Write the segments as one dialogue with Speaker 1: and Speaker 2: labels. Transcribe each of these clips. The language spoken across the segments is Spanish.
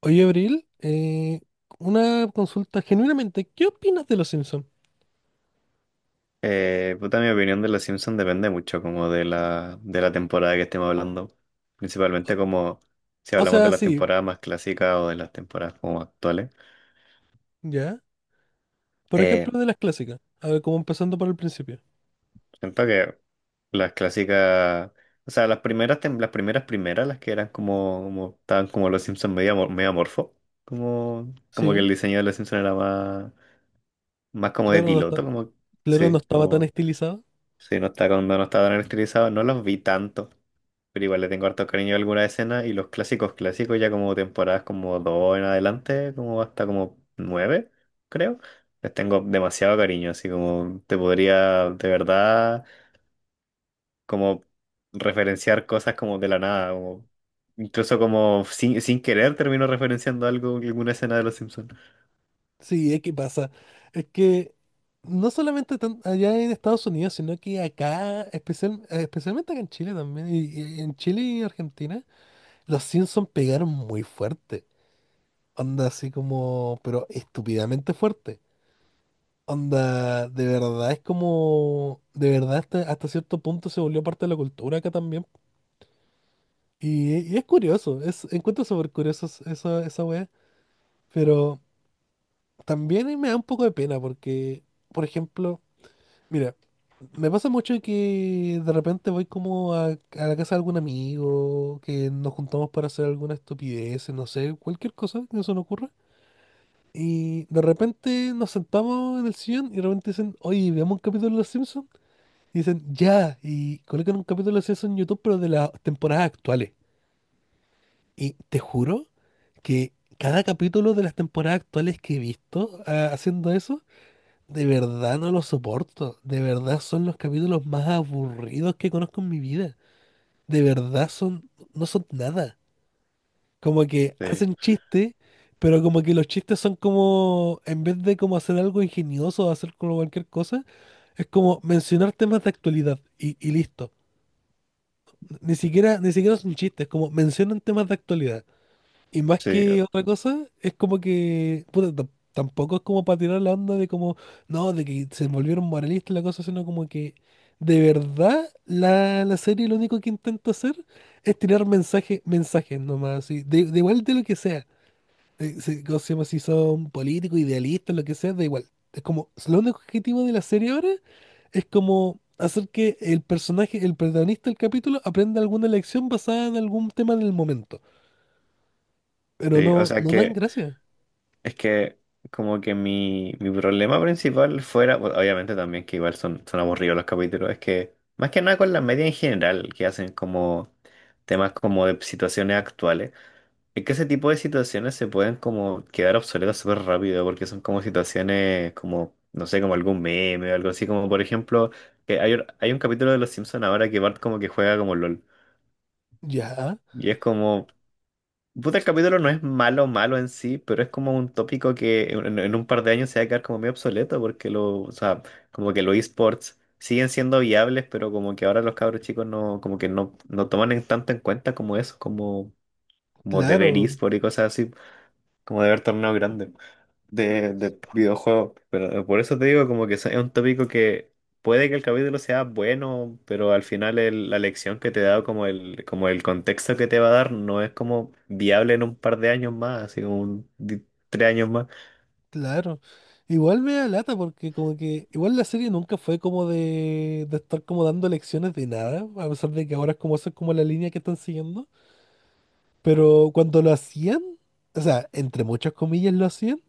Speaker 1: Oye, Abril, una consulta genuinamente, ¿qué opinas de los Simpsons?
Speaker 2: Puta, mi opinión de Los Simpsons depende mucho como de la temporada que estemos hablando.
Speaker 1: O,
Speaker 2: Principalmente como si
Speaker 1: o
Speaker 2: hablamos de
Speaker 1: sea,
Speaker 2: las
Speaker 1: sí,
Speaker 2: temporadas más clásicas o de las temporadas como actuales.
Speaker 1: ya. Por
Speaker 2: Eh,
Speaker 1: ejemplo, de las clásicas. A ver, como empezando por el principio.
Speaker 2: Siento que las clásicas, o sea, las primeras, las primeras primeras, las que eran como estaban como Los Simpsons medio, medio amorfo. Como que
Speaker 1: Sí,
Speaker 2: el diseño de Los Simpsons era más como de
Speaker 1: claro,
Speaker 2: piloto, como,
Speaker 1: claro, no
Speaker 2: sí,
Speaker 1: estaba tan
Speaker 2: como.
Speaker 1: estilizado.
Speaker 2: Sí, no está cuando no está tan estilizado, no los vi tanto. Pero igual le tengo harto cariño a alguna escena y los clásicos clásicos ya como temporadas como dos en adelante, como hasta como 9, creo. Les tengo demasiado cariño, así como te podría de verdad como referenciar cosas como de la nada, como incluso como sin querer termino referenciando algo, alguna escena de Los Simpsons.
Speaker 1: Sí, es que pasa. Es que no solamente allá en Estados Unidos, sino que acá, especialmente acá en Chile también, y en Chile y Argentina, los Simpsons pegaron muy fuerte. Onda así como, pero estúpidamente fuerte. Onda, de verdad es como, de verdad hasta cierto punto se volvió parte de la cultura acá también. Y es curioso, encuentro súper curioso esa wea, pero también me da un poco de pena porque, por ejemplo, mira, me pasa mucho que de repente voy como a la casa de algún amigo, que nos juntamos para hacer alguna estupidez, no sé, cualquier cosa que se nos ocurra. Y de repente nos sentamos en el sillón y de repente dicen, oye, veamos un capítulo de Los Simpsons. Y dicen, ya, y colocan un capítulo de eso en YouTube, pero de las temporadas actuales. Y te juro que cada capítulo de las temporadas actuales que he visto haciendo eso, de verdad no lo soporto. De verdad son los capítulos más aburridos que conozco en mi vida. De verdad son, no son nada. Como que
Speaker 2: Sí,
Speaker 1: hacen chistes, pero como que los chistes son como, en vez de como hacer algo ingenioso o hacer como cualquier cosa, es como mencionar temas de actualidad y listo. Ni siquiera es un chiste, es como mencionan temas de actualidad. Y más
Speaker 2: sí,
Speaker 1: que otra cosa, es como que, puta, tampoco es como para tirar la onda de como, no, de que se volvieron moralistas y la cosa, sino como que de verdad la serie lo único que intenta hacer es tirar mensajes, mensajes nomás, así, de igual de lo que sea. Si, ¿cómo se llama? Si son políticos, idealistas, lo que sea, da igual. Es como, lo único objetivo de la serie ahora es como hacer que el personaje, el protagonista del capítulo, aprenda alguna lección basada en algún tema del momento. Pero
Speaker 2: sí. O
Speaker 1: no,
Speaker 2: sea
Speaker 1: no dan
Speaker 2: que.
Speaker 1: gracia.
Speaker 2: Es que como que mi problema principal fuera, bueno, obviamente también que igual son, aburridos los capítulos, es que más que nada con la media en general, que hacen como temas como de situaciones actuales, es que ese tipo de situaciones se pueden como quedar obsoletas súper rápido, porque son como situaciones como, no sé, como algún meme o algo así, como por ejemplo, que hay, hay un capítulo de Los Simpsons ahora que Bart como que juega como LOL.
Speaker 1: Ya,
Speaker 2: Y es como, puta, el capítulo no es malo malo en sí, pero es como un tópico que en un par de años se va a quedar como medio obsoleto porque lo, o sea, como que los esports siguen siendo viables, pero como que ahora los cabros chicos no, como que no toman en tanto en cuenta como eso, como, como de ver
Speaker 1: claro,
Speaker 2: esports y cosas así, como de ver torneos grandes de videojuegos. Pero por eso te digo como que es un tópico que puede que el capítulo sea bueno, pero al final la lección que te da, como el contexto que te va a dar, no es como viable en un par de años más, así como tres años más.
Speaker 1: claro. Igual me da lata porque como que igual la serie nunca fue como de estar como dando lecciones de nada, a pesar de que ahora es como esa es como la línea que están siguiendo. Pero cuando lo hacían, o sea, entre muchas comillas lo hacían,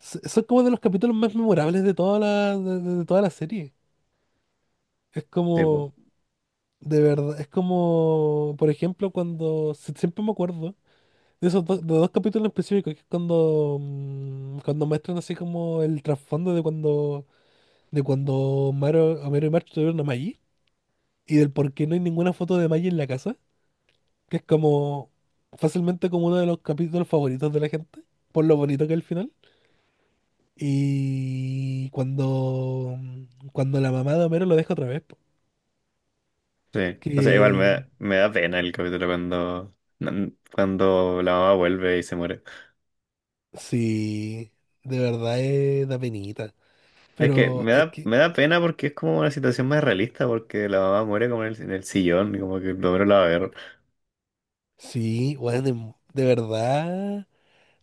Speaker 1: son como de los capítulos más memorables de toda la, de toda la serie. Es
Speaker 2: Sí, po.
Speaker 1: como, de verdad, es como, por ejemplo, cuando siempre me acuerdo de esos dos, de dos capítulos específicos, que es cuando, cuando muestran así como el trasfondo de cuando Homero, Homero y Marge tuvieron a Maggie, y del por qué no hay ninguna foto de Maggie en la casa, que es como fácilmente como uno de los capítulos favoritos de la gente, por lo bonito que es el final. Y cuando, cuando la mamá de Homero lo deja otra vez, po,
Speaker 2: Sí. O sea, igual me
Speaker 1: que
Speaker 2: da, me da pena el capítulo cuando la mamá vuelve y se muere.
Speaker 1: sí, de verdad es, da penita.
Speaker 2: Es que
Speaker 1: Pero
Speaker 2: me
Speaker 1: es
Speaker 2: da,
Speaker 1: que,
Speaker 2: me da pena porque es como una situación más realista, porque la mamá muere como en el, sillón, y como que el hombre la va a ver.
Speaker 1: sí, bueno, de verdad,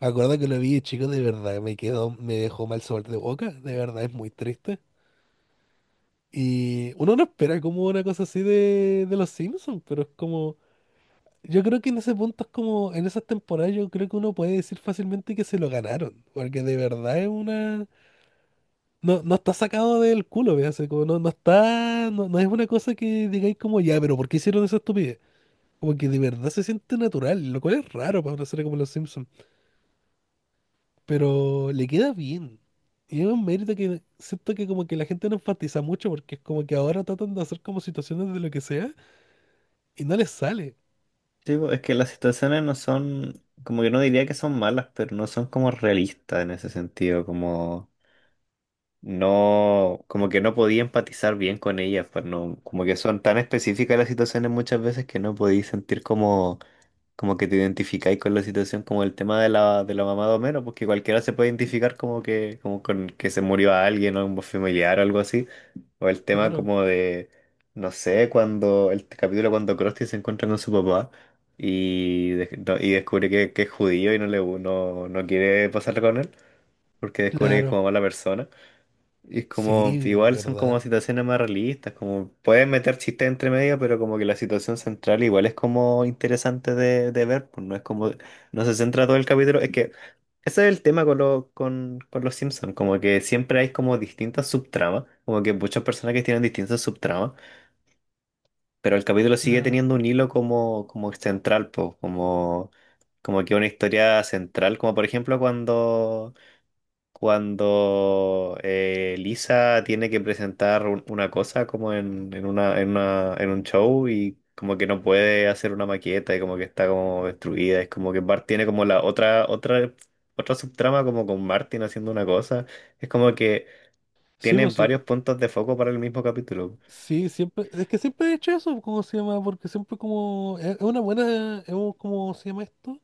Speaker 1: me acuerdo que lo vi, chicos de verdad, me quedó, me dejó mal sabor de boca, de verdad, es muy triste. Y uno no espera como una cosa así de los Simpsons, pero es como, yo creo que en ese punto es como, en esas temporadas yo creo que uno puede decir fácilmente que se lo ganaron, porque de verdad es una, no está sacado del culo, ¿ve? Así como no, no está, no es una cosa que digáis como, ya, pero ¿por qué hicieron esa estupidez? Como que de verdad se siente natural, lo cual es raro para una serie como Los Simpsons. Pero le queda bien. Y es un mérito que siento que como que la gente no enfatiza mucho porque es como que ahora tratan de hacer como situaciones de lo que sea y no les sale.
Speaker 2: Sí, pues, es que las situaciones no son, como que no diría que son malas, pero no son como realistas en ese sentido, como no, como que no podía empatizar bien con ellas, pues no, como que son tan específicas las situaciones muchas veces que no podía sentir como como que te identificáis con la situación, como el tema de la, mamá de Homero, porque cualquiera se puede identificar como que, como con que se murió alguien o un familiar o algo así. O el tema
Speaker 1: Claro,
Speaker 2: como de, no sé, cuando, el capítulo cuando Krusty se encuentra con su papá y, y descubre que es judío y no le no, no quiere pasar con él, porque descubre que es
Speaker 1: claro.
Speaker 2: como mala persona. Y es como,
Speaker 1: Sí,
Speaker 2: igual son como
Speaker 1: ¿verdad?
Speaker 2: situaciones más realistas, como pueden meter chistes entre medio, pero como que la situación central igual es como interesante de ver, pues no es como, no se centra todo el capítulo, es que ese es el tema con los Simpsons, como que siempre hay como distintas subtramas, como que muchas personajes tienen distintas subtramas, pero el capítulo sigue
Speaker 1: Claro.
Speaker 2: teniendo un hilo como, como central, pues, como, como que una historia central, como por ejemplo cuando cuando Lisa tiene que presentar una cosa como en, en un show y como que no puede hacer una maqueta y como que está como destruida. Es como que Bart tiene como la otra subtrama como con Martin haciendo una cosa. Es como que
Speaker 1: Sí,
Speaker 2: tiene
Speaker 1: pues sí.
Speaker 2: varios puntos de foco para el mismo capítulo.
Speaker 1: Sí, siempre. Es que siempre he hecho eso, ¿cómo se llama? Porque siempre como. Es una buena. Es un- ¿cómo se llama esto?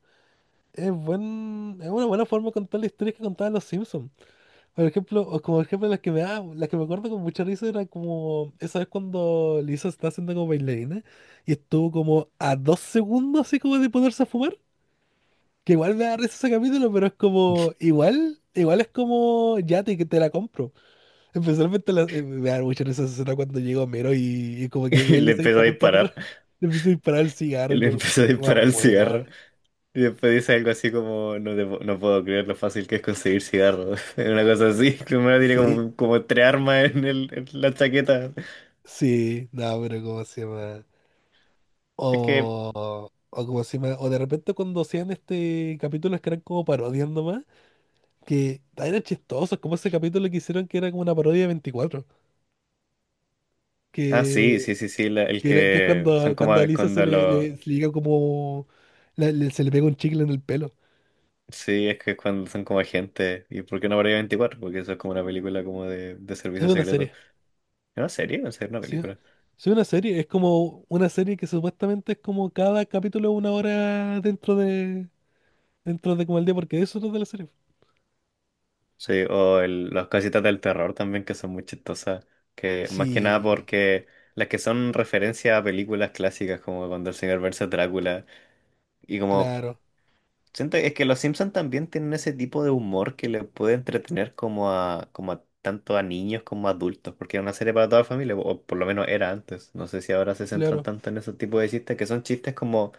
Speaker 1: Es buen, es una buena forma de contar la historia que contaban los Simpsons. Por ejemplo, o como ejemplo las que me da, las que me acuerdo con mucha risa era como esa vez cuando Lisa está haciendo como bailarina y estuvo como a 2 segundos así como de ponerse a fumar. Que igual me da risa ese capítulo, pero es como igual, igual es como ya te, que te la compro. Especialmente me da mucha risa esa escena cuando llega Homero y como que
Speaker 2: Y
Speaker 1: ve a
Speaker 2: le
Speaker 1: Lisa que
Speaker 2: empezó
Speaker 1: está
Speaker 2: a
Speaker 1: a punto de agarrar,
Speaker 2: disparar.
Speaker 1: le empieza a disparar el
Speaker 2: Y
Speaker 1: cigarro,
Speaker 2: le empezó a
Speaker 1: que
Speaker 2: disparar
Speaker 1: más
Speaker 2: el cigarro.
Speaker 1: buena.
Speaker 2: Y después dice algo así como, no, no puedo creer lo fácil que es conseguir cigarros. Una cosa así. Primero tiene
Speaker 1: Sí,
Speaker 2: como, como tres armas en, el, en la chaqueta.
Speaker 1: sí, no, pero ¿cómo se llama?
Speaker 2: Es que…
Speaker 1: O como si me- o de repente cuando hacían este capítulos que eran como parodias nomás, que eran chistosos, como ese capítulo que hicieron que era como una parodia de 24
Speaker 2: Ah, sí,
Speaker 1: que,
Speaker 2: sí, sí, sí. El
Speaker 1: que, que es
Speaker 2: que son
Speaker 1: cuando,
Speaker 2: como
Speaker 1: cuando a Lisa se
Speaker 2: cuando
Speaker 1: le,
Speaker 2: lo…
Speaker 1: le, se le llega como se le pega un chicle en el pelo.
Speaker 2: Sí, es que cuando son como agentes. ¿Y por qué no habría 24? Porque eso es como una película como de
Speaker 1: Es
Speaker 2: servicio
Speaker 1: una
Speaker 2: secreto.
Speaker 1: serie,
Speaker 2: ¿Es una serie? ¿En serio? ¿Una
Speaker 1: sí.
Speaker 2: película?
Speaker 1: Es una serie, es como una serie que supuestamente es como cada capítulo 1 hora dentro de como el día, porque de eso es lo de la serie.
Speaker 2: Sí, o el, las casitas del terror también que son muy chistosas. Que más que nada
Speaker 1: Sí,
Speaker 2: porque… Las que son referencia a películas clásicas, como cuando el señor versus Drácula, y como
Speaker 1: claro,
Speaker 2: siento es que los Simpsons también tienen ese tipo de humor que le puede entretener como a tanto a niños como a adultos, porque era una serie para toda la familia, o por lo menos era antes. No sé si ahora se centran
Speaker 1: claro,
Speaker 2: tanto en ese tipo de chistes, que son chistes como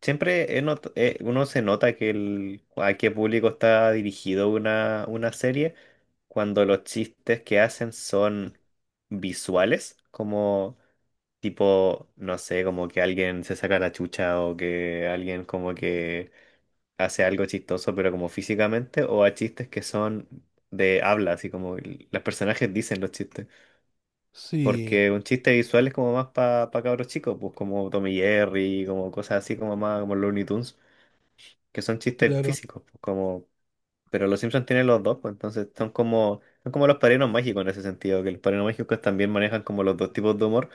Speaker 2: siempre he uno se nota que el, a qué público está dirigido una serie cuando los chistes que hacen son visuales, como tipo, no sé, como que alguien se saca la chucha o que alguien como que hace algo chistoso, pero como físicamente, o a chistes que son de habla, así como los personajes dicen los chistes.
Speaker 1: sí,
Speaker 2: Porque un chiste visual es como más para cabros chicos, pues como Tommy Jerry, como cosas así como más como Looney Tunes, que son chistes
Speaker 1: claro.
Speaker 2: físicos, pues, como pero los Simpsons tienen los dos, pues entonces son como los padrinos mágicos en ese sentido, que los padrinos mágicos también manejan como los dos tipos de humor,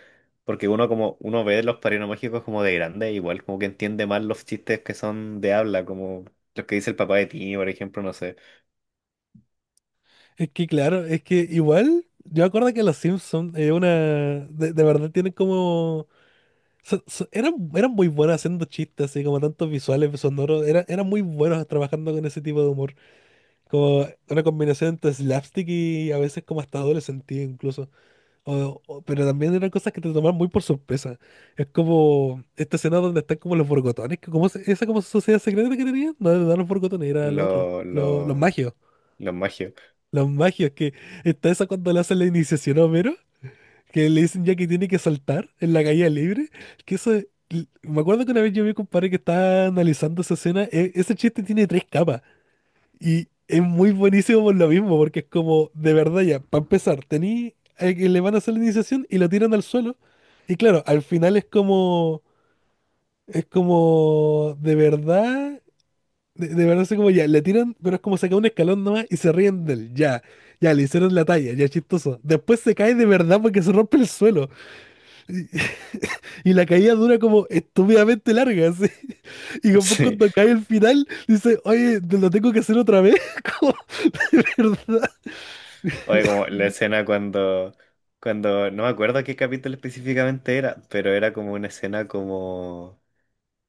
Speaker 2: porque uno como uno ve los padrinos mágicos como de grande, igual como que entiende más los chistes que son de habla, como los que dice el papá de Timmy, por ejemplo, no sé,
Speaker 1: Es que igual, yo me acuerdo que los Simpsons, de verdad tienen como, eran muy buenos haciendo chistes, así como tantos visuales, sonoros, eran muy buenos trabajando con ese tipo de humor, como una combinación entre slapstick y a veces como hasta doble sentido incluso, pero también eran cosas que te tomaban muy por sorpresa, es como esta escena donde están como los borgotones, que como esa como sociedad secreta que tenían, no, no eran los borgotones, eran los otros,
Speaker 2: los
Speaker 1: los
Speaker 2: lo,
Speaker 1: magios.
Speaker 2: los magios.
Speaker 1: Los magios, que está esa cuando le hacen la iniciación a Homero, que le dicen ya que tiene que saltar en la caída libre, que me acuerdo que una vez yo vi un compadre que estaba analizando esa escena, ese chiste tiene tres capas y es muy buenísimo por lo mismo, porque es como, de verdad ya, para empezar, tení a que le van a hacer la iniciación y lo tiran al suelo, y claro, al final es como, de verdad de verdad, así como ya, le tiran, pero es como saca un escalón nomás y se ríen de él. Ya, ya, le hicieron la talla, ya chistoso. Después se cae de verdad porque se rompe el suelo. Y, y la caída dura como estúpidamente larga, así. Y después
Speaker 2: Sí,
Speaker 1: cuando cae el final, dice, oye, te lo tengo que hacer otra vez. Como, de verdad,
Speaker 2: oye, como la escena cuando, cuando, no me acuerdo qué capítulo específicamente era, pero era como una escena como.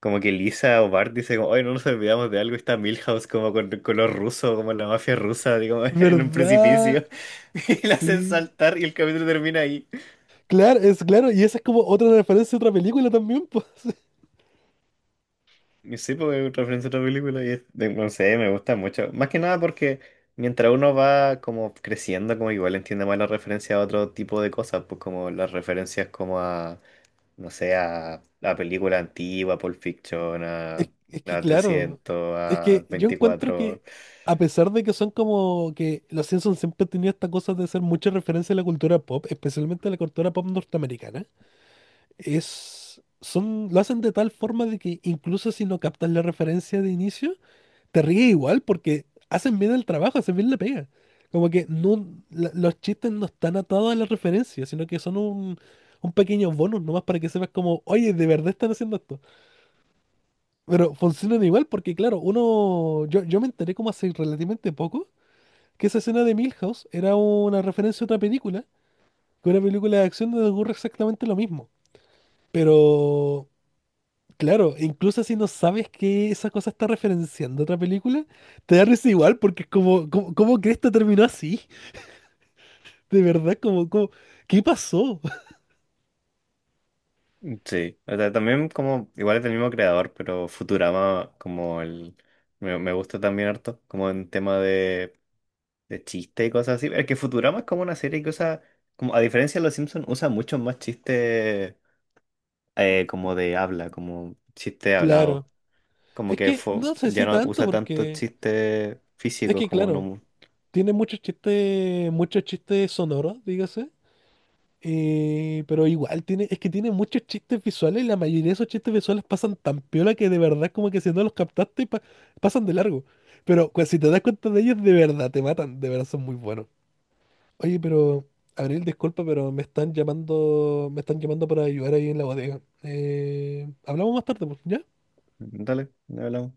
Speaker 2: Como que Lisa o Bart dice como, oye, no nos olvidamos de algo, y está Milhouse como con color ruso, como la mafia rusa, digo, en un
Speaker 1: verdad,
Speaker 2: precipicio, y la hacen
Speaker 1: sí.
Speaker 2: saltar y el capítulo termina ahí.
Speaker 1: Claro, es claro, y esa es como otra referencia a otra película también, pues.
Speaker 2: Y sí, porque es referencia a otra película y es, de- no sé, me gusta mucho. Más que nada porque mientras uno va como creciendo, como igual entiende más la referencia a otro tipo de cosas, pues como las referencias como a, no sé, a la película antigua, Pulp Fiction,
Speaker 1: Es, es que
Speaker 2: a
Speaker 1: claro,
Speaker 2: 300,
Speaker 1: es que
Speaker 2: a
Speaker 1: yo encuentro que
Speaker 2: 24.
Speaker 1: a pesar de que son como que los Simpsons siempre han tenido esta cosa de hacer mucha referencia a la cultura pop, especialmente a la cultura pop norteamericana, es, son, lo hacen de tal forma de que incluso si no captas la referencia de inicio, te ríes igual porque hacen bien el trabajo, hacen bien la pega. Como que no, los chistes no están atados a la referencia, sino que son un pequeño bonus nomás para que sepas como, oye, de verdad están haciendo esto. Pero funcionan igual porque, claro, uno. Yo me enteré como hace relativamente poco que esa escena de Milhouse era una referencia a otra película, que una película de acción donde ocurre exactamente lo mismo. Pero, claro, incluso si no sabes que esa cosa está referenciando otra película, te da risa igual porque es como, como, ¿cómo que esto terminó así? De verdad, como, como, ¿qué pasó?
Speaker 2: Mm, sí, o sea, también como, igual es el mismo creador, pero Futurama como el, me gusta también harto, como en tema de chiste y cosas así. Es que Futurama es como una serie que usa, como a diferencia de Los Simpsons, usa mucho más chiste como de habla, como chiste
Speaker 1: Claro.
Speaker 2: hablado. Como
Speaker 1: Es
Speaker 2: que
Speaker 1: que no sé
Speaker 2: ya
Speaker 1: si
Speaker 2: no
Speaker 1: tanto
Speaker 2: usa tanto
Speaker 1: porque.
Speaker 2: chiste
Speaker 1: Es
Speaker 2: físico
Speaker 1: que,
Speaker 2: como
Speaker 1: claro,
Speaker 2: no…
Speaker 1: tiene muchos chistes sonoros, dígase pero igual tiene, es que tiene muchos chistes visuales y la mayoría de esos chistes visuales pasan tan piola que de verdad como que si no los captaste pasan de largo. Pero pues, si te das cuenta de ellos, de verdad te matan, de verdad son muy buenos. Oye, pero Abril, disculpa, pero me están llamando para ayudar ahí en la bodega. Hablamos más tarde, pues, ¿ya?
Speaker 2: Dale, ya hablamos.